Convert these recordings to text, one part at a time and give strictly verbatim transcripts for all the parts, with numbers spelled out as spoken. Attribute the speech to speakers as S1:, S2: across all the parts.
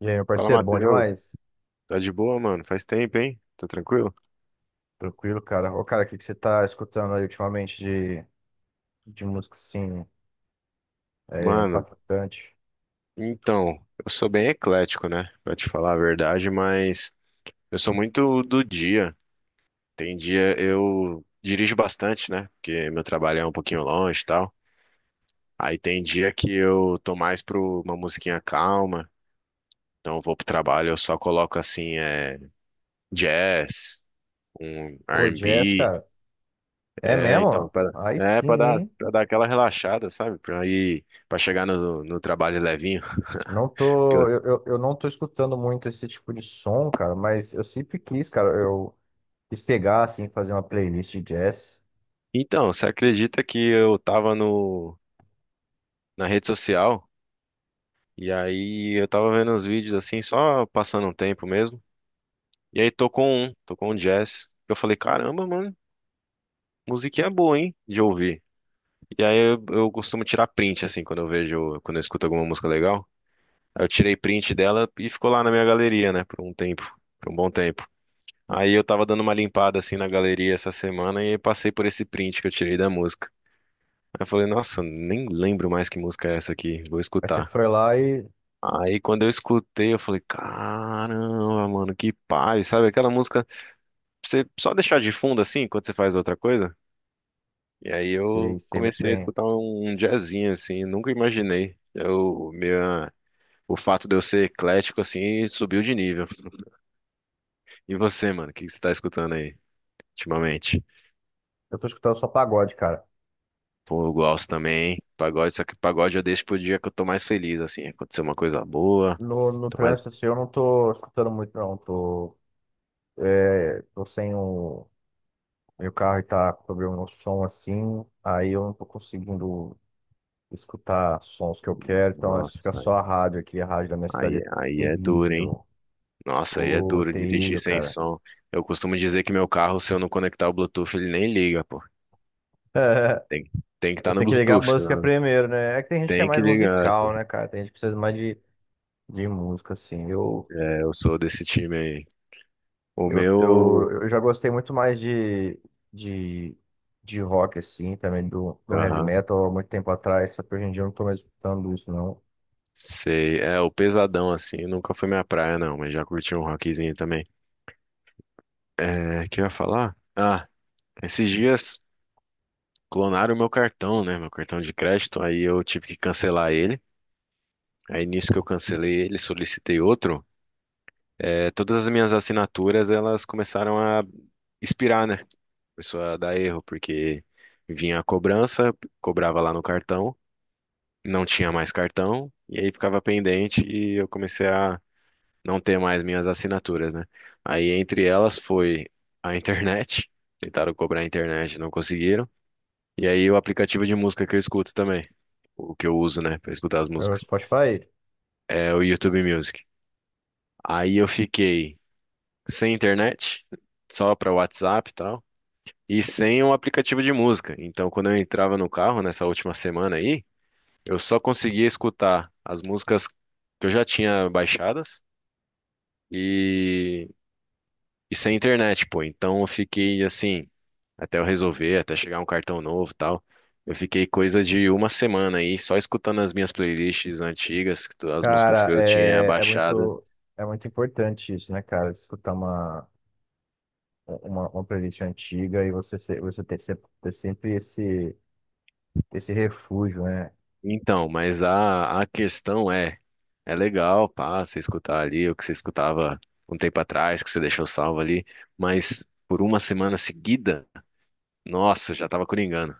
S1: E aí, meu
S2: Fala,
S1: parceiro, bom
S2: Matheus.
S1: demais?
S2: Tá de boa, mano? Faz tempo, hein? Tá tranquilo?
S1: Tranquilo, cara. Ô, cara, o que que você tá escutando aí ultimamente de, de música, assim, é,
S2: Mano,
S1: impactante?
S2: então, eu sou bem eclético, né? Pra te falar a verdade, mas eu sou muito do dia. Tem dia eu dirijo bastante, né? Porque meu trabalho é um pouquinho longe e tal. Aí tem dia que eu tô mais pro uma musiquinha calma. Então eu vou pro trabalho, eu só coloco assim, é, jazz, um
S1: Pô, jazz,
S2: R e B.
S1: cara. É
S2: É, então,
S1: mesmo?
S2: pra,
S1: Aí
S2: é,
S1: sim,
S2: pra dar,
S1: hein?
S2: pra dar aquela relaxada, sabe? Pra ir. Pra chegar no, no trabalho levinho.
S1: Não
S2: que
S1: tô...
S2: eu-
S1: Eu, eu, eu não tô escutando muito esse tipo de som, cara, mas eu sempre quis, cara. Eu quis pegar, assim, fazer uma playlist de jazz.
S2: Então, você acredita que eu tava no, na rede social e aí eu tava vendo uns vídeos assim, só passando um tempo mesmo. E aí tocou um, tocou um jazz. Eu falei, caramba, mano, musiquinha boa, hein, de ouvir. E aí eu, eu costumo tirar print, assim, quando eu vejo, quando eu escuto alguma música legal. Aí eu tirei print dela e ficou lá na minha galeria, né, por um tempo, por um bom tempo. Aí eu tava dando uma limpada assim na galeria essa semana e passei por esse print que eu tirei da música. Eu falei, nossa, nem lembro mais que música é essa aqui, vou
S1: Aí você
S2: escutar.
S1: foi lá e...
S2: Aí quando eu escutei, eu falei, caramba, mano, que paz, sabe? Aquela música, pra você só deixar de fundo assim, quando você faz outra coisa. E aí
S1: Sei,
S2: eu
S1: sei muito
S2: comecei a
S1: bem.
S2: escutar um um jazzinho assim, nunca imaginei. Eu, minha, o fato de eu ser eclético assim subiu de nível. E você, mano, o que que você tá escutando aí ultimamente?
S1: Eu tô escutando só pagode, cara.
S2: Pô, eu gosto também, hein? Pagode, só que pagode eu deixo pro dia que eu tô mais feliz, assim, aconteceu uma coisa boa,
S1: No, no
S2: tô mais.
S1: trânsito, assim, eu não tô escutando muito, não. Tô, tô sem o Meu carro está com problema no som, assim, aí eu não tô conseguindo escutar sons que eu quero, então acho que fica
S2: Nossa,
S1: só a rádio aqui. A rádio da minha cidade
S2: Aí,
S1: é
S2: aí é duro, hein?
S1: terrível.
S2: Nossa, aí é
S1: Ô,
S2: duro dirigir
S1: terrível,
S2: sem
S1: cara.
S2: som. Eu costumo dizer que meu carro, se eu não conectar o Bluetooth, ele nem liga, pô. Tem, tem que
S1: Eu
S2: estar no
S1: tenho que ligar a
S2: Bluetooth,
S1: música
S2: senão
S1: primeiro, né? É que tem gente que é
S2: tem que
S1: mais
S2: ligar.
S1: musical, né, cara? Tem gente que precisa mais de, de música, assim. Eu,
S2: É, eu sou desse time aí. O
S1: eu, eu,
S2: meu.
S1: eu já gostei muito mais de, de, de rock, assim, também do, do heavy
S2: Aham,
S1: metal há muito tempo atrás, só que hoje em dia eu não tô mais escutando isso, não.
S2: sei. É, o pesadão, assim, nunca foi minha praia, não, mas já curti um rockzinho também. É, que eu ia falar? Ah, esses dias clonaram o meu cartão, né? Meu cartão de crédito, aí eu tive que cancelar ele. Aí nisso que eu cancelei ele, solicitei outro. É, todas as minhas assinaturas, elas começaram a expirar, né? Começou a dar erro, porque vinha a cobrança, cobrava lá no cartão, não tinha mais cartão, e aí ficava pendente e eu comecei a não ter mais minhas assinaturas, né? Aí entre elas foi a internet, tentaram cobrar a internet, não conseguiram, e aí o aplicativo de música que eu escuto também, o que eu uso, né, para escutar as
S1: É o
S2: músicas,
S1: Spotify.
S2: é o YouTube Music. Aí eu fiquei sem internet, só para WhatsApp e tal. E sem um aplicativo de música. Então, quando eu entrava no carro nessa última semana aí, eu só conseguia escutar as músicas que eu já tinha baixadas e, e sem internet, pô. Então, eu fiquei assim, até eu resolver, até chegar um cartão novo e tal. Eu fiquei coisa de uma semana aí, só escutando as minhas playlists antigas, as músicas que
S1: Cara,
S2: eu tinha
S1: é, é
S2: baixado.
S1: muito, é muito importante isso, né, cara? Escutar uma, uma, uma playlist antiga e você, se- você ter, sempre ter sempre esse, esse refúgio, né?
S2: Então, mas a, a questão é, é legal, pá, você escutar ali o que você escutava um tempo atrás, que você deixou salvo ali, mas por uma semana seguida, nossa, eu já tava coringando,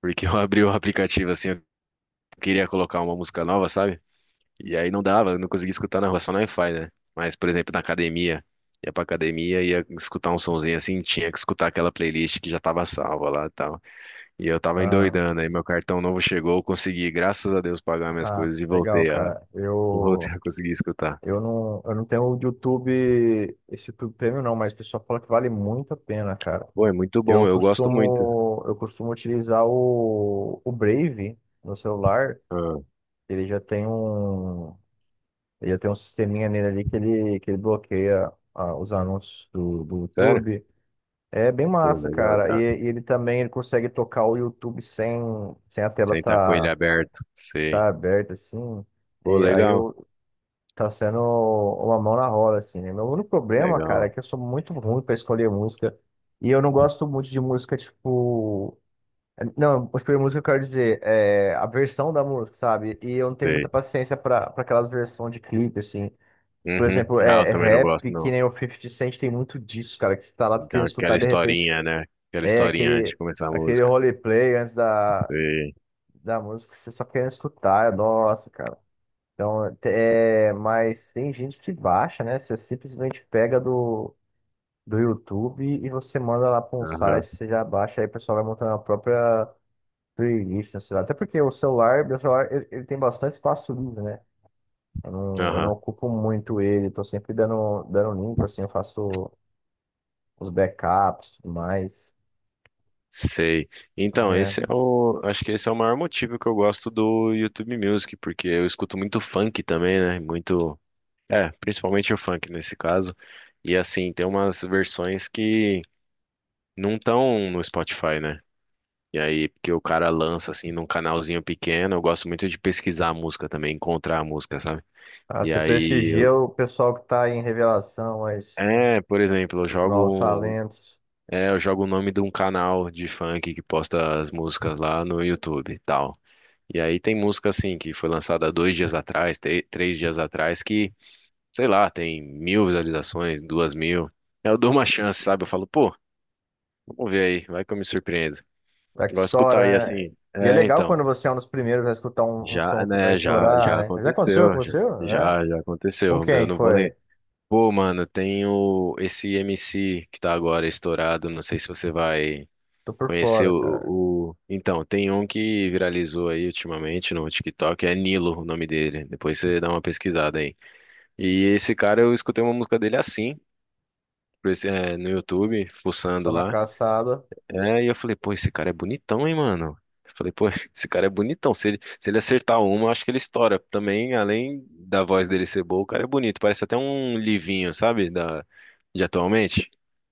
S2: porque eu abri o aplicativo assim, eu queria colocar uma música nova, sabe? E aí não dava, eu não conseguia escutar na rua, só no Wi-Fi, né? Mas, por exemplo, na academia, ia pra academia, ia escutar um sonzinho assim, tinha que escutar aquela playlist que já tava salva lá e tal. E eu tava
S1: Ah,
S2: endoidando, aí meu cartão novo chegou, eu consegui, graças a Deus, pagar minhas
S1: ah,
S2: coisas e
S1: legal,
S2: voltei.
S1: cara.
S2: Vou
S1: Eu,
S2: voltar a conseguir escutar.
S1: eu não, eu não tenho o YouTube, esse YouTube Premium, não, mas o pessoal fala que vale muito a pena, cara.
S2: Pô, é muito bom,
S1: Eu
S2: eu gosto muito.
S1: costumo, eu costumo utilizar o, o Brave no celular.
S2: Ah,
S1: Ele já tem um. Ele tem um sisteminha nele ali que ele, que ele bloqueia ah, os anúncios do, do
S2: sério?
S1: YouTube. É bem
S2: Pô,
S1: massa,
S2: legal.
S1: cara. E,
S2: Ah,
S1: e ele também ele consegue tocar o YouTube sem, sem a tela
S2: sentar com ele
S1: tá,
S2: aberto, sei.
S1: tá aberta, assim.
S2: Pô,
S1: E aí
S2: legal,
S1: eu, tá sendo uma mão na roda, assim, né? Meu único problema, cara, é
S2: legal,
S1: que eu sou muito ruim pra escolher música. E eu não gosto muito de música, tipo. Não, escolher música eu quero dizer, é, a versão da música, sabe? E eu não tenho muita
S2: sei.
S1: paciência pra, pra aquelas versões de clipe, assim. Por
S2: Uhum.
S1: exemplo,
S2: Ah, eu
S1: é, é
S2: também não gosto,
S1: rap, que
S2: não.
S1: nem o Fifty Cent tem muito disso, cara, que você tá lá
S2: Então,
S1: querendo
S2: aquela
S1: escutar, de repente,
S2: historinha, né? Aquela
S1: é
S2: historinha antes de
S1: aquele,
S2: começar a
S1: aquele
S2: música.
S1: roleplay antes da,
S2: Sei.
S1: da música, que você só querendo escutar, é, nossa, cara. Então, é, mas tem gente que baixa, né? Você simplesmente pega do, do YouTube e você manda lá para um site,
S2: Aham,
S1: você já baixa, aí o pessoal vai montando a própria playlist, né, sei lá. Até porque o celular, meu celular, ele, ele tem bastante espaço livre, né? Eu não, eu não
S2: aham.
S1: ocupo muito ele, tô sempre dando, dando limpo, assim, eu faço os backups, tudo mais.
S2: Sei. Então,
S1: É.
S2: esse é o. Acho que esse é o maior motivo que eu gosto do YouTube Music, porque eu escuto muito funk também, né? Muito. É, principalmente o funk nesse caso. E assim, tem umas versões que não estão no Spotify, né? E aí, porque o cara lança assim num canalzinho pequeno, eu gosto muito de pesquisar a música também, encontrar a música, sabe?
S1: Ah,
S2: E
S1: você
S2: aí, eu-
S1: prestigia o pessoal que está em revelação, as,
S2: é, por exemplo, eu
S1: os novos
S2: jogo,
S1: talentos,
S2: é, eu jogo o nome de um canal de funk que posta as músicas lá no YouTube e tal. E aí tem música assim que foi lançada dois dias atrás, tre- três dias atrás, que, sei lá, tem mil visualizações, duas mil. Aí eu dou uma chance, sabe? Eu falo, pô, vamos ver aí, vai que eu me surpreendo.
S1: é
S2: Eu
S1: que
S2: gosto de escutar
S1: estoura,
S2: aí
S1: né?
S2: assim.
S1: E é
S2: É,
S1: legal
S2: então.
S1: quando você é um dos primeiros a escutar um, um
S2: Já,
S1: som que vai
S2: né, já, já
S1: estourar, né? Já aconteceu com
S2: aconteceu, já,
S1: você? É?
S2: já, já
S1: Com
S2: aconteceu. Eu
S1: quem que
S2: não vou ler.
S1: foi?
S2: Pô, mano, tem o, esse M C que tá agora estourado, não sei se você vai
S1: Tô por
S2: conhecer
S1: fora,
S2: o,
S1: cara.
S2: o... Então, tem um que viralizou aí ultimamente no TikTok, é Nilo o nome dele. Depois você dá uma pesquisada aí. E esse cara, eu escutei uma música dele assim, por esse- é, no YouTube, fuçando
S1: Só na
S2: lá.
S1: caçada.
S2: É, e eu falei, pô, esse cara é bonitão, hein, mano? Eu falei, pô, esse cara é bonitão. Se ele, se ele acertar uma, eu acho que ele estoura. Também, além da voz dele ser boa, o cara é bonito. Parece até um Livinho, sabe? Da, de atualmente.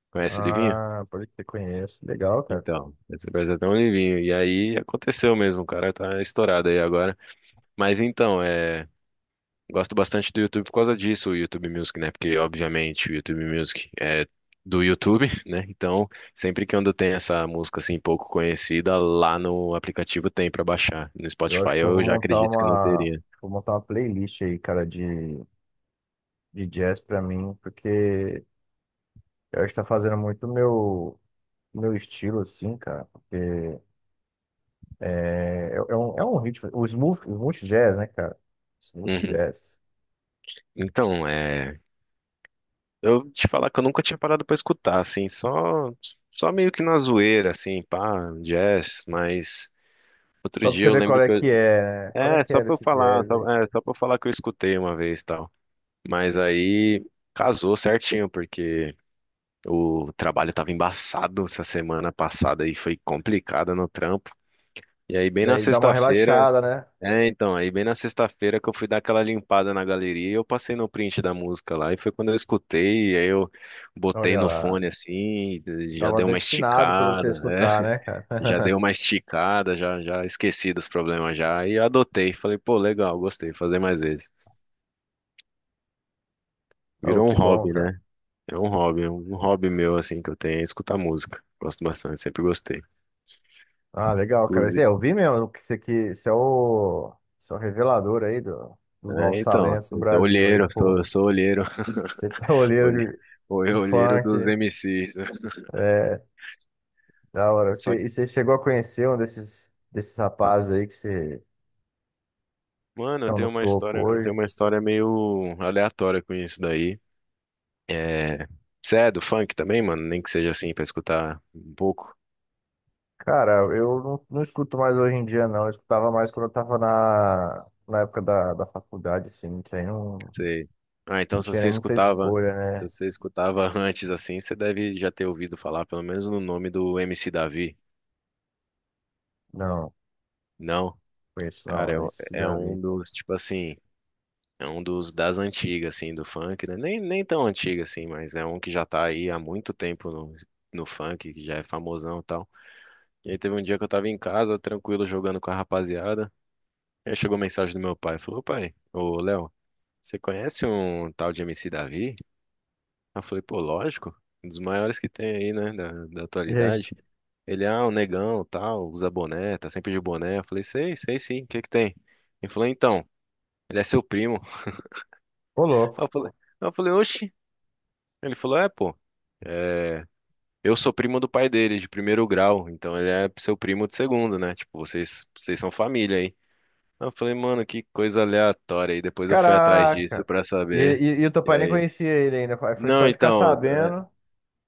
S2: Conhece o Livinho?
S1: Ah, pode que conheço. Legal, cara.
S2: Então, esse parece até um Livinho. E aí aconteceu mesmo, o cara tá estourado aí agora. Mas então, é. Gosto bastante do YouTube por causa disso, o YouTube Music, né? Porque, obviamente, o YouTube Music é do YouTube, né? Então, sempre que quando tem essa música assim pouco conhecida, lá no aplicativo tem pra baixar. No
S1: Eu acho
S2: Spotify
S1: que eu vou
S2: eu já
S1: montar
S2: acredito que não
S1: uma,
S2: teria.
S1: vou montar uma playlist aí, cara, de, de jazz pra mim, porque eu acho que tá fazendo muito o meu meu estilo, assim, cara, porque é, é é um, é um ritmo, o smooth, smooth jazz, né, cara? Smooth
S2: Uhum.
S1: jazz.
S2: Então, é, eu te falar que eu nunca tinha parado pra escutar, assim, só só meio que na zoeira, assim, pá, jazz, mas outro
S1: Só pra
S2: dia
S1: você
S2: eu
S1: ver qual
S2: lembro
S1: é
S2: que eu.
S1: que é, né? Qual é
S2: É,
S1: que
S2: só
S1: era
S2: pra eu
S1: esse
S2: falar,
S1: jazz
S2: só,
S1: aí?
S2: é, só pra eu falar que eu escutei uma vez, tal. Mas aí casou certinho, porque o trabalho tava embaçado essa semana passada e foi complicada no trampo. E aí, bem
S1: E
S2: na
S1: aí dá uma
S2: sexta-feira,
S1: relaxada, né?
S2: é, então, aí bem na sexta-feira que eu fui dar aquela limpada na galeria e eu passei no print da música lá. E foi quando eu escutei, e aí eu
S1: Então,
S2: botei
S1: olha
S2: no
S1: lá,
S2: fone assim, e já
S1: tava
S2: deu uma
S1: destinado pra você
S2: esticada, é,
S1: escutar, né, cara?
S2: já deu uma esticada, já, já esqueci dos problemas já. E adotei, falei, pô, legal, gostei, fazer mais vezes.
S1: Oh,
S2: Virou um
S1: que bom,
S2: hobby,
S1: cara.
S2: né? É um hobby, é um hobby meu, assim, que eu tenho é escutar música. Gosto bastante, sempre gostei.
S1: Ah, legal, cara. Zé,
S2: Inclusive,
S1: eu vi mesmo que isso aqui, isso é o, isso é o revelador aí do- dos novos
S2: é, então,
S1: talentos do
S2: assim, então,
S1: Brasil, aí,
S2: olheiro, eu sou,
S1: pô.
S2: eu sou olheiro,
S1: Você tá olheiro
S2: olhe-
S1: de,
S2: olhe-
S1: de
S2: olheiro
S1: funk.
S2: dos M Cs.
S1: É. Da hora.
S2: Só
S1: Você,
S2: que,
S1: e você chegou a conhecer um desses, desses rapazes aí que você
S2: mano, eu
S1: estão no
S2: tenho uma
S1: topo
S2: história, eu tenho
S1: hoje?
S2: uma história meio aleatória com isso daí. É, você é do funk também, mano? Nem que seja assim, pra escutar um pouco.
S1: Cara, eu não, não escuto mais hoje em dia, não. Eu escutava mais quando eu tava na, na época da, da faculdade, assim. Não tinha, não,
S2: Você. Ah, então
S1: não
S2: se
S1: tinha
S2: você
S1: nem muita
S2: escutava,
S1: escolha, né?
S2: se você escutava antes assim, você deve já ter ouvido falar, pelo menos no nome do M C Davi.
S1: Não,
S2: Não?
S1: conheço
S2: Cara,
S1: não.
S2: é,
S1: É
S2: um-
S1: esse
S2: é um
S1: Davi.
S2: dos, tipo assim, é um dos das antigas, assim, do funk, né? Nem, nem tão antigo, assim, mas é um que já tá aí há muito tempo no, no funk, que já é famosão e tal. E aí teve um dia que eu tava em casa, tranquilo, jogando com a rapaziada. Aí chegou mensagem do meu pai, falou, pai, ô Léo, você conhece um tal de M C Davi? Eu falei, pô, lógico, um dos maiores que tem aí, né, da, da
S1: E aí?
S2: atualidade. Ele, ah, o negão, tal, usa boné, tá sempre de boné. Eu falei, sei, sei sim, o que que tem? Ele falou, então, ele é seu primo.
S1: Ô,
S2: Aí
S1: louco.
S2: Eu falei, aí eu falei, oxi. Ele falou, é, pô, eu sou primo do pai dele, de primeiro grau, então ele é seu primo de segundo, né? Tipo, vocês, vocês são família aí. Aí eu falei, mano, que coisa aleatória. E depois eu fui atrás disso
S1: Caraca!
S2: pra
S1: E,
S2: saber.
S1: e, e o teu
S2: E
S1: pai nem
S2: aí,
S1: conhecia ele ainda. Foi
S2: não,
S1: só de ficar
S2: então.
S1: sabendo.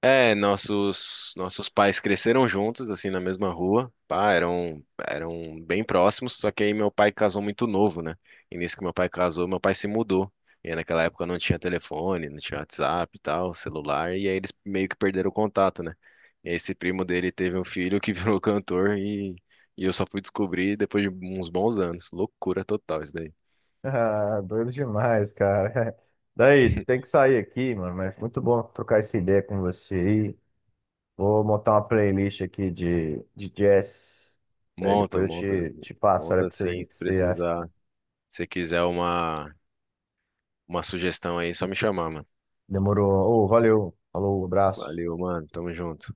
S2: É, nossos nossos pais cresceram juntos, assim, na mesma rua. Pá, eram eram bem próximos, só que aí meu pai casou muito novo, né? E nisso que meu pai casou, meu pai se mudou. E naquela época não tinha telefone, não tinha WhatsApp e tal, celular, e aí eles meio que perderam o contato, né? E esse primo dele teve um filho que virou cantor e, e eu só fui descobrir depois de uns bons anos. Loucura total isso daí.
S1: Ah, doido demais, cara. Daí, tem que sair aqui, mano, mas muito bom trocar essa ideia com você aí. Vou montar uma playlist aqui de, de jazz. Daí
S2: Monta,
S1: depois eu
S2: monta,
S1: te, te passo, olha
S2: monta
S1: pra você ver o
S2: assim,
S1: que
S2: se
S1: que você acha.
S2: precisar. Se quiser uma, uma sugestão aí, só me chamar, mano.
S1: Demorou. Ô, valeu. Falou, abraço.
S2: Valeu, mano. Tamo junto.